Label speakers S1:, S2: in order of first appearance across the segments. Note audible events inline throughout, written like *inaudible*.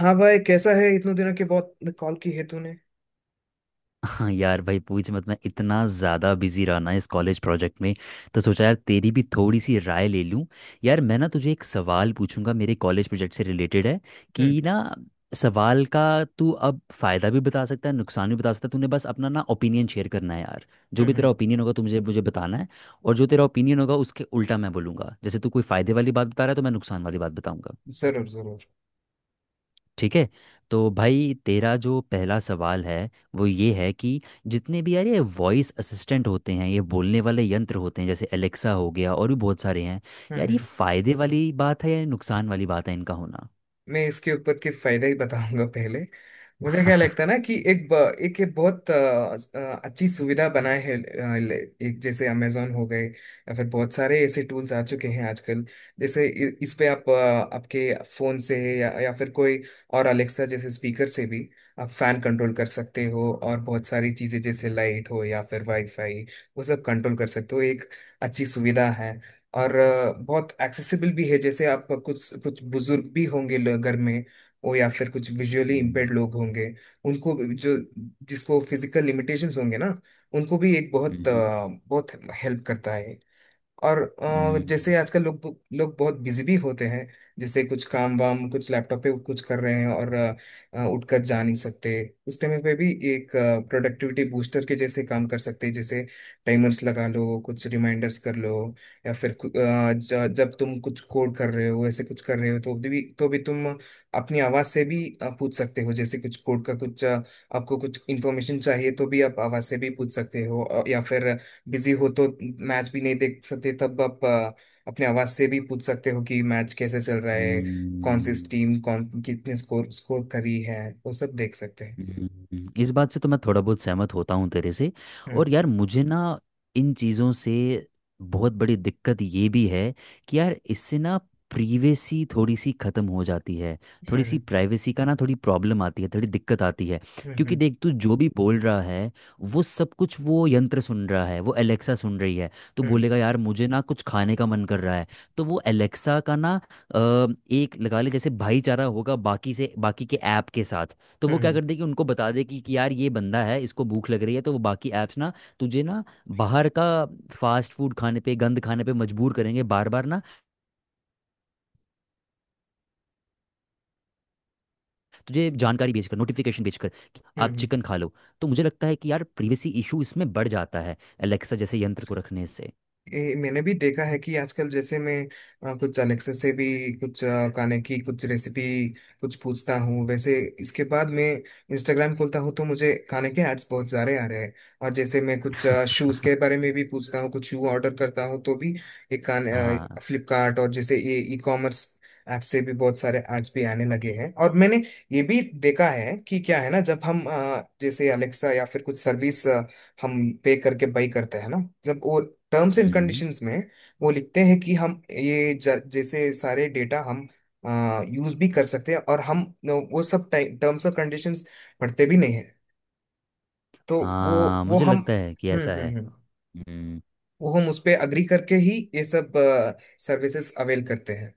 S1: हाँ भाई, कैसा है? इतने दिनों के बाद कॉल की है तूने।
S2: हाँ यार भाई, पूछ मत। मैं इतना ज़्यादा बिजी रहा ना इस कॉलेज प्रोजेक्ट में। तो सोचा यार तेरी भी थोड़ी सी राय ले लूँ। यार मैं ना तुझे एक सवाल पूछूंगा, मेरे कॉलेज प्रोजेक्ट से रिलेटेड है।
S1: हम्म,
S2: कि ना सवाल का, तू अब फ़ायदा भी बता सकता है नुकसान भी बता सकता है। तूने बस अपना ना ओपिनियन शेयर करना है यार। जो
S1: हम्म,
S2: भी
S1: हम्म।
S2: तेरा ओपिनियन होगा तू मुझे मुझे बताना है। और जो तेरा ओपिनियन होगा उसके उल्टा मैं बोलूँगा, जैसे तू कोई फ़ायदे वाली बात बता रहा है तो मैं नुकसान वाली बात बताऊंगा।
S1: जरूर, जरूर।
S2: ठीक है। तो भाई तेरा जो पहला सवाल है वो ये है कि जितने भी यार ये वॉइस असिस्टेंट होते हैं, ये बोलने वाले यंत्र होते हैं, जैसे एलेक्सा हो गया और भी बहुत सारे हैं, यार ये
S1: हम्म।
S2: फायदे वाली बात है या नुकसान वाली बात है इनका होना?
S1: मैं इसके ऊपर के फायदे ही बताऊंगा पहले। मुझे क्या लगता है
S2: *laughs*
S1: ना कि एक ये बहुत अच्छी सुविधा बनाए है एक जैसे अमेजोन हो गए या फिर बहुत सारे ऐसे टूल्स आ चुके हैं आजकल। जैसे इस पे आपके फोन से या फिर कोई और अलेक्सा जैसे स्पीकर से भी आप फैन कंट्रोल कर सकते हो, और बहुत सारी चीजें जैसे लाइट हो या फिर वाईफाई वो सब कंट्रोल कर सकते हो। एक अच्छी सुविधा है। और बहुत एक्सेसिबल भी है। जैसे आप कुछ कुछ बुजुर्ग भी होंगे घर में, वो या फिर कुछ विजुअली इम्पेयर्ड
S2: हम्म।
S1: लोग होंगे, जो जिसको फिजिकल लिमिटेशंस होंगे ना उनको भी एक
S2: हम्म।
S1: बहुत हेल्प करता है। और
S2: हम्म।
S1: जैसे आजकल लोग लोग बहुत बिजी भी होते हैं। जैसे कुछ काम वाम कुछ लैपटॉप पे कुछ कर रहे हैं और उठकर जा नहीं सकते। उस टाइम पे भी एक प्रोडक्टिविटी बूस्टर के जैसे काम कर सकते हैं, जैसे टाइमर्स लगा लो, कुछ रिमाइंडर्स कर लो। या फिर जब तुम कुछ कोड कर रहे हो ऐसे कुछ कर रहे हो तो भी तुम अपनी आवाज़ से भी पूछ सकते हो। जैसे कुछ कोड का कुछ, आपको कुछ इन्फॉर्मेशन चाहिए तो भी आप आवाज़ से भी पूछ सकते हो। या फिर बिजी हो तो मैच भी नहीं देख सकते, तब आप अपने आवाज से भी पूछ सकते हो कि मैच कैसे चल रहा है, कौन सी
S2: हम्म।
S1: टीम कौन कितने स्कोर स्कोर करी है, वो सब देख सकते हैं।
S2: हम्म। इस बात से तो मैं थोड़ा बहुत सहमत होता हूँ तेरे से।
S1: हम्म,
S2: और यार मुझे ना इन चीज़ों से बहुत बड़ी दिक्कत ये भी है कि यार इससे ना प्रीवेसी थोड़ी सी ख़त्म हो जाती है। थोड़ी सी
S1: हम्म,
S2: प्राइवेसी का ना थोड़ी प्रॉब्लम आती है, थोड़ी दिक्कत आती है।
S1: हम्म,
S2: क्योंकि
S1: हम्म,
S2: देख, तू जो भी बोल रहा है वो सब कुछ वो यंत्र सुन रहा है, वो एलेक्सा सुन रही है। तो
S1: हम्म,
S2: बोलेगा यार मुझे ना कुछ खाने का मन कर रहा है, तो वो एलेक्सा का ना अ, एक लगा ले जैसे भाईचारा होगा बाकी से, बाकी के ऐप के साथ। तो
S1: हम्म,
S2: वो क्या
S1: हम्म,
S2: कर दे कि उनको बता दे कि यार ये बंदा है, इसको भूख लग रही है। तो वो बाकी ऐप्स ना तुझे ना बाहर का फास्ट फूड खाने पे, गंद खाने पे मजबूर करेंगे बार बार ना, तुझे जानकारी भेज कर, नोटिफिकेशन भेज कर कि
S1: हम्म,
S2: आप
S1: हम्म।
S2: चिकन खा लो। तो मुझे लगता है कि यार प्रिवेसी इशू इसमें बढ़ जाता है एलेक्सा जैसे यंत्र को रखने से।
S1: ये मैंने भी देखा है कि आजकल जैसे मैं कुछ अलेक्सा से भी कुछ खाने की कुछ रेसिपी कुछ पूछता हूँ। वैसे इसके बाद मैं इंस्टाग्राम खोलता हूँ तो मुझे खाने के एड्स बहुत सारे आ रहे हैं। और जैसे मैं कुछ शूज़ के बारे में भी पूछता हूँ, कुछ शू ऑर्डर करता हूँ, तो भी ये खाने
S2: हाँ।
S1: फ्लिपकार्ट और जैसे ये ई कॉमर्स ऐप से भी बहुत सारे एड्स भी आने लगे हैं। और मैंने ये भी देखा है कि क्या है ना, जब हम जैसे अलेक्सा या फिर कुछ सर्विस हम पे करके बाई करते हैं ना, जब वो टर्म्स एंड
S2: हम्म।
S1: कंडीशंस में वो लिखते हैं कि हम ये जैसे सारे डेटा हम यूज भी कर सकते हैं, और हम वो सब टर्म्स और कंडीशंस पढ़ते भी नहीं है। तो वो
S2: हाँ,
S1: वो
S2: मुझे
S1: हम,
S2: लगता है कि
S1: हम्म,
S2: ऐसा है।
S1: हम्म, हम्म,
S2: हम्म।
S1: वो हम उस पे अग्री करके ही ये सब सर्विसेज अवेल करते हैं।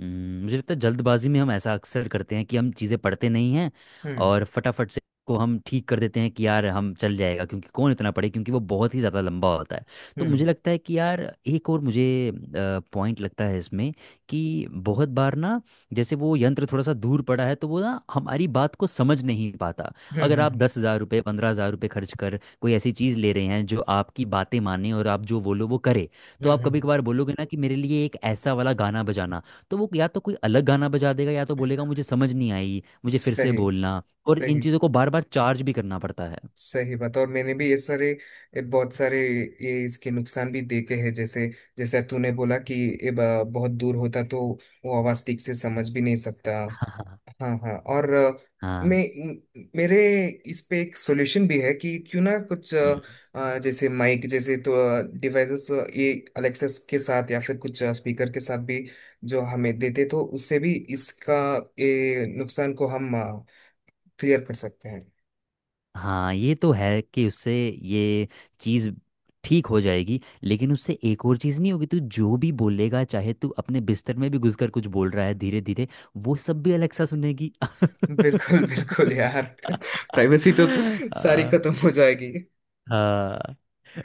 S2: हम्म। मुझे लगता है जल्दबाजी में हम ऐसा अक्सर करते हैं कि हम चीज़ें पढ़ते नहीं हैं
S1: हम्म,
S2: और फटाफट से को हम ठीक कर देते हैं कि यार हम चल जाएगा, क्योंकि कौन इतना पढ़े, क्योंकि वो बहुत ही ज़्यादा लंबा होता है। तो
S1: हम्म,
S2: मुझे लगता है कि यार एक और मुझे पॉइंट लगता है इसमें कि बहुत बार ना जैसे वो यंत्र थोड़ा सा दूर पड़ा है तो वो ना हमारी बात को समझ नहीं पाता।
S1: हम्म,
S2: अगर आप
S1: हम्म,
S2: 10,000 रुपये, 15,000 रुपये खर्च कर कोई ऐसी चीज़ ले रहे हैं जो आपकी बातें माने और आप जो बोलो वो करे, तो
S1: हम्म,
S2: आप कभी कभार बोलोगे ना कि मेरे लिए एक ऐसा वाला गाना बजाना, तो वो या तो कोई अलग गाना बजा देगा या तो बोलेगा मुझे समझ नहीं आई, मुझे फिर से
S1: सही,
S2: बोलना। और इन
S1: सही।
S2: चीज़ों को बार बार चार्ज भी करना पड़ता है। *laughs*
S1: सही बात। और मैंने भी ये बहुत सारे ये इसके नुकसान भी देखे हैं। जैसे जैसे तूने बोला कि ये बहुत दूर होता तो वो आवाज ठीक से समझ भी नहीं सकता।
S2: हाँ।
S1: हाँ, हाँ। और
S2: हाँ।
S1: मैं मेरे इस पे एक सॉल्यूशन भी है कि क्यों ना कुछ
S2: हम्म।
S1: जैसे माइक जैसे तो डिवाइसेस ये अलेक्सा के साथ या फिर कुछ स्पीकर के साथ भी जो हमें देते तो उससे भी इसका ये नुकसान को हम क्लियर कर सकते हैं।
S2: हाँ, ये तो है कि उससे ये चीज़ ठीक हो जाएगी, लेकिन उससे एक और चीज़ नहीं होगी। तू जो भी बोलेगा, चाहे तू अपने बिस्तर में भी घुस कर कुछ बोल रहा है धीरे धीरे, वो सब भी अलेक्सा सुनेगी।
S1: बिल्कुल, बिल्कुल
S2: *laughs*
S1: यार। *laughs* प्राइवेसी तो सारी
S2: हाँ।
S1: खत्म हो जाएगी।
S2: हाँ।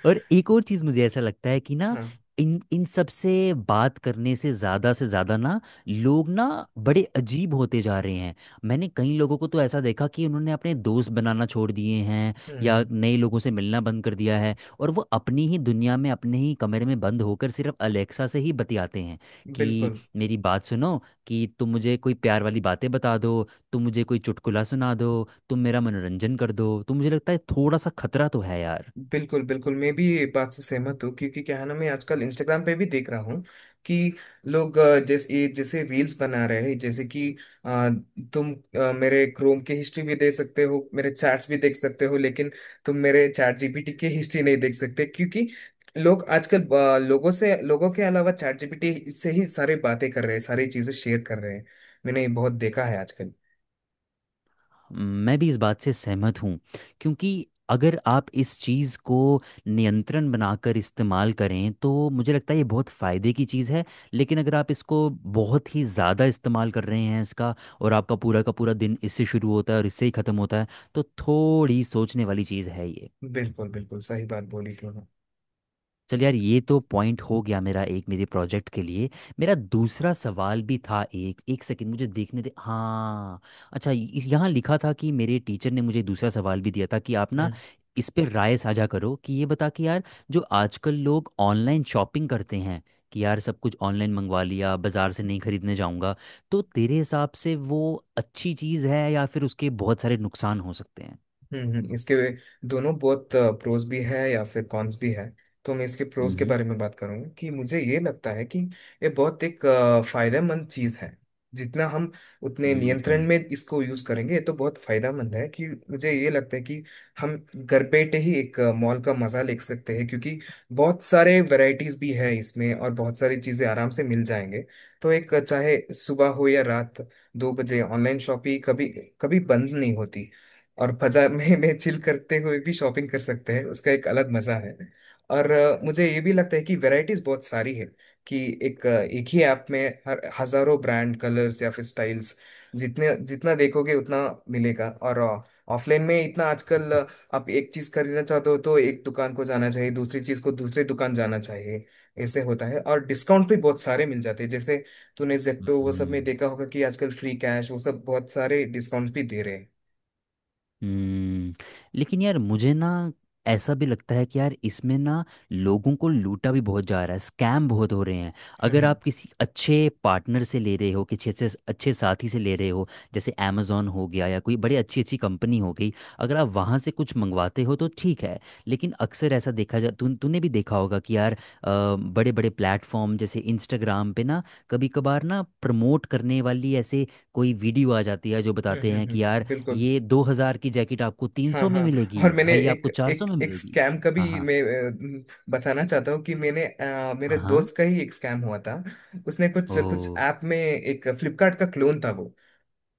S2: और एक और चीज मुझे ऐसा लगता है कि ना
S1: हाँ।
S2: इन इन सब से बात करने से ज्यादा ना लोग ना बड़े अजीब होते जा रहे हैं। मैंने कई लोगों को तो ऐसा देखा कि उन्होंने अपने दोस्त बनाना छोड़ दिए हैं या
S1: हम्म।
S2: नए लोगों से मिलना बंद कर दिया है, और वो अपनी ही दुनिया में, अपने ही कमरे में बंद होकर सिर्फ अलेक्सा से ही बतियाते हैं कि
S1: बिल्कुल,
S2: मेरी बात सुनो, कि तुम मुझे कोई प्यार वाली बातें बता दो, तुम मुझे कोई चुटकुला सुना दो, तुम मेरा मनोरंजन कर दो। तो मुझे लगता है थोड़ा सा खतरा तो है यार।
S1: बिल्कुल। बिल्कुल मैं भी ये बात से सहमत हूँ, क्योंकि क्या है ना, मैं आजकल इंस्टाग्राम पे भी देख रहा हूँ कि लोग जैसे ये जैसे रील्स बना रहे हैं, जैसे कि अ, तुम मेरे क्रोम की हिस्ट्री भी देख सकते हो, मेरे चैट्स भी देख सकते हो, लेकिन तुम मेरे चैट जीपीटी की हिस्ट्री नहीं देख सकते क्योंकि लोग आजकल लोगों से, लोगों के अलावा चैट जीपीटी से ही सारी बातें कर रहे हैं, सारी चीजें शेयर कर रहे हैं। मैंने ये बहुत देखा है आजकल।
S2: मैं भी इस बात से सहमत हूँ, क्योंकि अगर आप इस चीज़ को नियंत्रण बनाकर इस्तेमाल करें तो मुझे लगता है ये बहुत फ़ायदे की चीज़ है। लेकिन अगर आप इसको बहुत ही ज़्यादा इस्तेमाल कर रहे हैं इसका, और आपका पूरा का पूरा दिन इससे शुरू होता है और इससे ही ख़त्म होता है, तो थोड़ी सोचने वाली चीज़ है ये।
S1: बिल्कुल, बिल्कुल, सही बात बोली तुमने।
S2: चल यार, ये तो पॉइंट हो गया मेरा एक, मेरे प्रोजेक्ट के लिए। मेरा दूसरा सवाल भी था। एक एक सेकंड मुझे देखने दे। हाँ, अच्छा, यहाँ लिखा था कि मेरे टीचर ने मुझे दूसरा सवाल भी दिया था कि आप ना इस पे राय साझा करो, कि ये बता कि यार जो आजकल लोग ऑनलाइन शॉपिंग करते हैं कि यार सब कुछ ऑनलाइन मंगवा लिया, बाजार से नहीं खरीदने जाऊंगा, तो तेरे हिसाब से वो अच्छी चीज़ है या फिर उसके बहुत सारे नुकसान हो सकते हैं?
S1: हम्म, इसके दोनों बहुत प्रोज भी है या फिर कॉन्स भी है। तो मैं इसके प्रोज के
S2: हम्म।
S1: बारे में बात करूंगा कि मुझे ये लगता है कि ये बहुत फायदेमंद चीज है। जितना हम उतने नियंत्रण
S2: हम्म।
S1: में इसको यूज करेंगे, ये तो बहुत फायदेमंद है कि मुझे ये लगता है कि हम घर बैठे ही एक मॉल का मजा ले सकते हैं, क्योंकि बहुत सारे वैरायटीज भी है इसमें और बहुत सारी चीजें आराम से मिल जाएंगे। तो चाहे सुबह हो या रात 2 बजे, ऑनलाइन शॉपिंग कभी कभी बंद नहीं होती। और बाजार में चिल करते हुए भी शॉपिंग कर सकते हैं, उसका एक अलग मजा है। और मुझे ये भी लगता है कि वैरायटीज बहुत सारी है कि एक ही ऐप में हर हजारों ब्रांड कलर्स या फिर स्टाइल्स जितने जितना देखोगे उतना मिलेगा। और ऑफलाइन में इतना आजकल आप एक चीज खरीदना चाहते हो तो एक दुकान को जाना चाहिए, दूसरी चीज को दूसरे दुकान जाना चाहिए, ऐसे होता है। और डिस्काउंट भी बहुत सारे मिल जाते हैं। जैसे तूने जेप्टो वो सब में
S2: हम्म।
S1: देखा होगा कि आजकल फ्री कैश वो सब बहुत सारे डिस्काउंट्स भी दे रहे
S2: हम्म। लेकिन यार मुझे ना ऐसा भी लगता है कि यार इसमें ना लोगों को लूटा भी बहुत जा रहा है, स्कैम बहुत हो रहे हैं। अगर
S1: हैं।
S2: आप किसी अच्छे पार्टनर से ले रहे हो, किसी अच्छे अच्छे साथी से ले रहे हो जैसे अमेजोन हो गया या कोई बड़ी अच्छी अच्छी कंपनी हो गई, अगर आप वहाँ से कुछ मंगवाते हो तो ठीक है। लेकिन अक्सर ऐसा देखा जा, तू तूने भी देखा होगा कि यार बड़े बड़े प्लेटफॉर्म जैसे इंस्टाग्राम पे ना कभी कभार ना प्रमोट करने वाली ऐसे कोई वीडियो आ जाती है जो
S1: हम्म,
S2: बताते हैं
S1: हम्म,
S2: कि यार
S1: बिल्कुल।
S2: ये 2,000 की जैकेट आपको तीन
S1: हाँ,
S2: सौ में
S1: हाँ।
S2: मिलेगी
S1: और मैंने
S2: भाई,
S1: एक
S2: आपको 400
S1: एक
S2: में
S1: एक
S2: मिलेगी।
S1: स्कैम का भी
S2: हाँ। हाँ।
S1: मैं बताना चाहता हूँ कि मैंने मेरे
S2: हाँ। हाँ।
S1: दोस्त का ही एक स्कैम हुआ था। उसने कुछ कुछ
S2: ओ।
S1: ऐप में एक फ्लिपकार्ट का क्लोन था वो।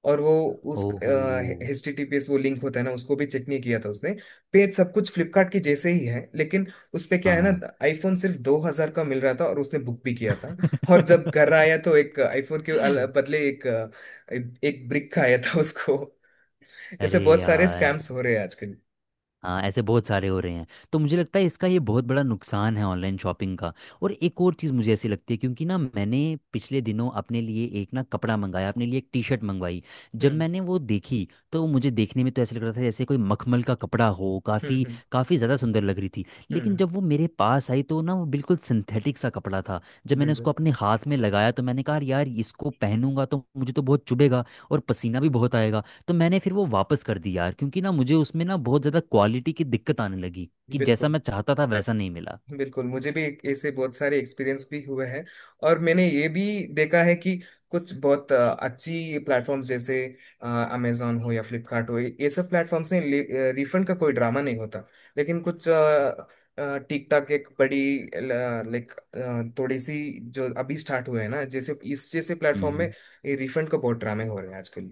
S1: और वो उस
S2: ओहो।
S1: HTTPS वो लिंक होता है ना, उसको भी चेक नहीं किया था उसने। पेज सब कुछ फ्लिपकार्ट के जैसे ही है, लेकिन उस पे क्या है ना,
S2: हाँ।
S1: आईफोन सिर्फ 2 हजार का मिल रहा था और उसने बुक भी किया था। और जब घर
S2: *laughs*
S1: आया तो एक आईफोन के बदले एक ब्रिक का आया था उसको। ऐसे
S2: अरे
S1: बहुत सारे
S2: यार।
S1: स्कैम्स हो रहे हैं आजकल।
S2: हाँ, ऐसे बहुत सारे हो रहे हैं। तो मुझे लगता है इसका ये बहुत बड़ा नुकसान है ऑनलाइन शॉपिंग का। और एक और चीज़ मुझे ऐसी लगती है क्योंकि ना मैंने पिछले दिनों अपने लिए एक ना कपड़ा मंगाया, अपने लिए एक टी शर्ट मंगवाई। जब
S1: हम्म,
S2: मैंने वो देखी तो मुझे देखने में तो ऐसे लग रहा था जैसे कोई मखमल का कपड़ा हो,
S1: हम्म,
S2: काफ़ी
S1: हम्म,
S2: काफ़ी ज़्यादा सुंदर लग रही थी। लेकिन
S1: हम्म,
S2: जब वो मेरे पास आई तो ना वो बिल्कुल सिंथेटिक सा कपड़ा था। जब मैंने
S1: बिल्कुल,
S2: उसको अपने हाथ में लगाया तो मैंने कहा यार इसको पहनूंगा तो मुझे तो बहुत चुभेगा और पसीना भी बहुत आएगा। तो मैंने फिर वो वापस कर दी यार, क्योंकि ना मुझे उसमें ना बहुत ज़्यादा क्वालिटी की दिक्कत आने लगी कि जैसा
S1: बिल्कुल,
S2: मैं चाहता था वैसा नहीं मिला।
S1: बिल्कुल। मुझे भी ऐसे बहुत सारे एक्सपीरियंस भी हुए हैं। और मैंने ये भी देखा है कि कुछ बहुत अच्छी प्लेटफॉर्म्स जैसे अमेजोन हो या फ्लिपकार्ट हो ये सब प्लेटफॉर्म्स में रिफंड का कोई ड्रामा नहीं होता। लेकिन कुछ टिकटॉक एक बड़ी लाइक थोड़ी सी जो अभी स्टार्ट हुए हैं ना, जैसे इस जैसे प्लेटफॉर्म में
S2: हम्म।
S1: रिफंड का बहुत ड्रामे हो रहे हैं आजकल।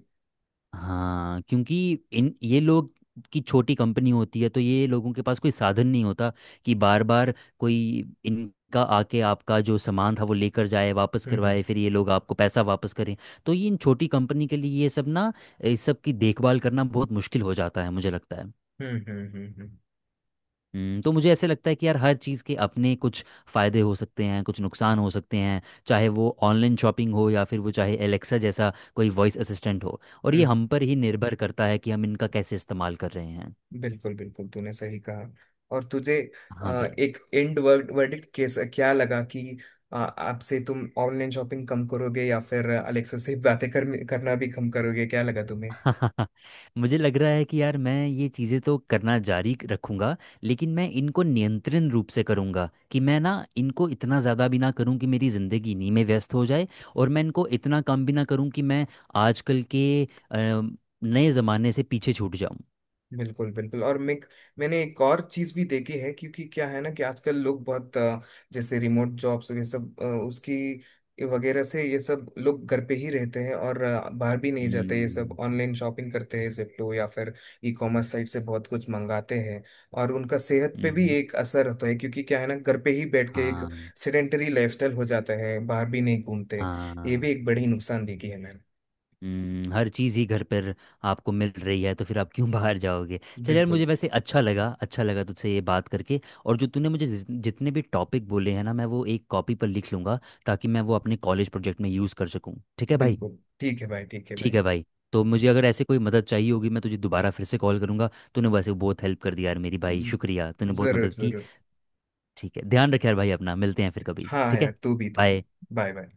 S2: हाँ, क्योंकि इन ये लोग की छोटी कंपनी होती है तो ये लोगों के पास कोई साधन नहीं होता कि बार बार कोई इनका आके आपका जो सामान था वो लेकर जाए, वापस
S1: हम्म,
S2: करवाए,
S1: हम्म,
S2: फिर ये लोग आपको पैसा वापस करें। तो ये इन छोटी कंपनी के लिए ये सब ना, इस सब की देखभाल करना बहुत मुश्किल हो जाता है, मुझे लगता है।
S1: हम्म, हम्म, हम्म,
S2: तो मुझे ऐसे लगता है कि यार हर चीज़ के अपने कुछ फ़ायदे हो सकते हैं, कुछ नुकसान हो सकते हैं। चाहे वो ऑनलाइन शॉपिंग हो या फिर वो चाहे एलेक्सा जैसा कोई वॉइस असिस्टेंट हो, और ये
S1: हम्म।
S2: हम पर ही निर्भर करता है कि हम इनका कैसे इस्तेमाल कर रहे हैं।
S1: बिल्कुल, बिल्कुल तूने सही कहा। और तुझे
S2: हाँ भाई।
S1: एक एंड वर्ड वर्डिक्ट केस क्या लगा कि आपसे तुम ऑनलाइन शॉपिंग कम करोगे या फिर अलेक्सा से बातें करना भी कम करोगे, क्या लगा तुम्हें?
S2: *laughs* मुझे लग रहा है कि यार मैं ये चीज़ें तो करना जारी रखूंगा, लेकिन मैं इनको नियंत्रण रूप से करूंगा कि मैं ना इनको इतना ज़्यादा भी ना करूं कि मेरी ज़िंदगी इन्हीं में व्यस्त हो जाए, और मैं इनको इतना कम भी ना करूं कि मैं आजकल के नए ज़माने से पीछे छूट जाऊं।
S1: बिल्कुल, बिल्कुल। और मैंने एक और चीज भी देखी है, क्योंकि क्या है ना, कि आजकल लोग बहुत जैसे रिमोट जॉब्स ये सब उसकी वगैरह से ये सब लोग घर पे ही रहते हैं और बाहर भी नहीं जाते, ये सब
S2: हम्म।
S1: ऑनलाइन शॉपिंग करते हैं जेप्टो या फिर ई कॉमर्स साइट से बहुत कुछ मंगाते हैं। और उनका सेहत पे भी
S2: हम्म।
S1: एक असर होता है, क्योंकि क्या है ना, घर पे ही बैठ के एक
S2: हाँ।
S1: सेडेंटरी लाइफस्टाइल हो जाता है, बाहर भी नहीं घूमते। ये भी
S2: हाँ।
S1: एक बड़ी नुकसान देखी है मैंने।
S2: हर चीज़ ही घर पर आपको मिल रही है तो फिर आप क्यों बाहर जाओगे? चल यार,
S1: बिल्कुल,
S2: मुझे वैसे अच्छा लगा, अच्छा लगा तुझसे ये बात करके। और जो तूने मुझे जितने भी टॉपिक बोले हैं ना मैं वो एक कॉपी पर लिख लूँगा ताकि मैं वो अपने कॉलेज प्रोजेक्ट में यूज़ कर सकूँ। ठीक है भाई,
S1: बिल्कुल। ठीक है भाई, ठीक है भाई।
S2: ठीक है भाई। तो मुझे अगर ऐसे कोई मदद चाहिए होगी मैं तुझे दोबारा फिर से कॉल करूँगा। तूने वैसे बहुत हेल्प कर दी यार मेरी, भाई
S1: ज-
S2: शुक्रिया, तूने बहुत
S1: जरूर,
S2: मदद की।
S1: जरूर।
S2: ठीक है, ध्यान रखे यार भाई अपना, मिलते हैं फिर कभी,
S1: हाँ
S2: ठीक
S1: यार,
S2: है।
S1: तू भी, तू भी।
S2: बाय।
S1: Bye, bye.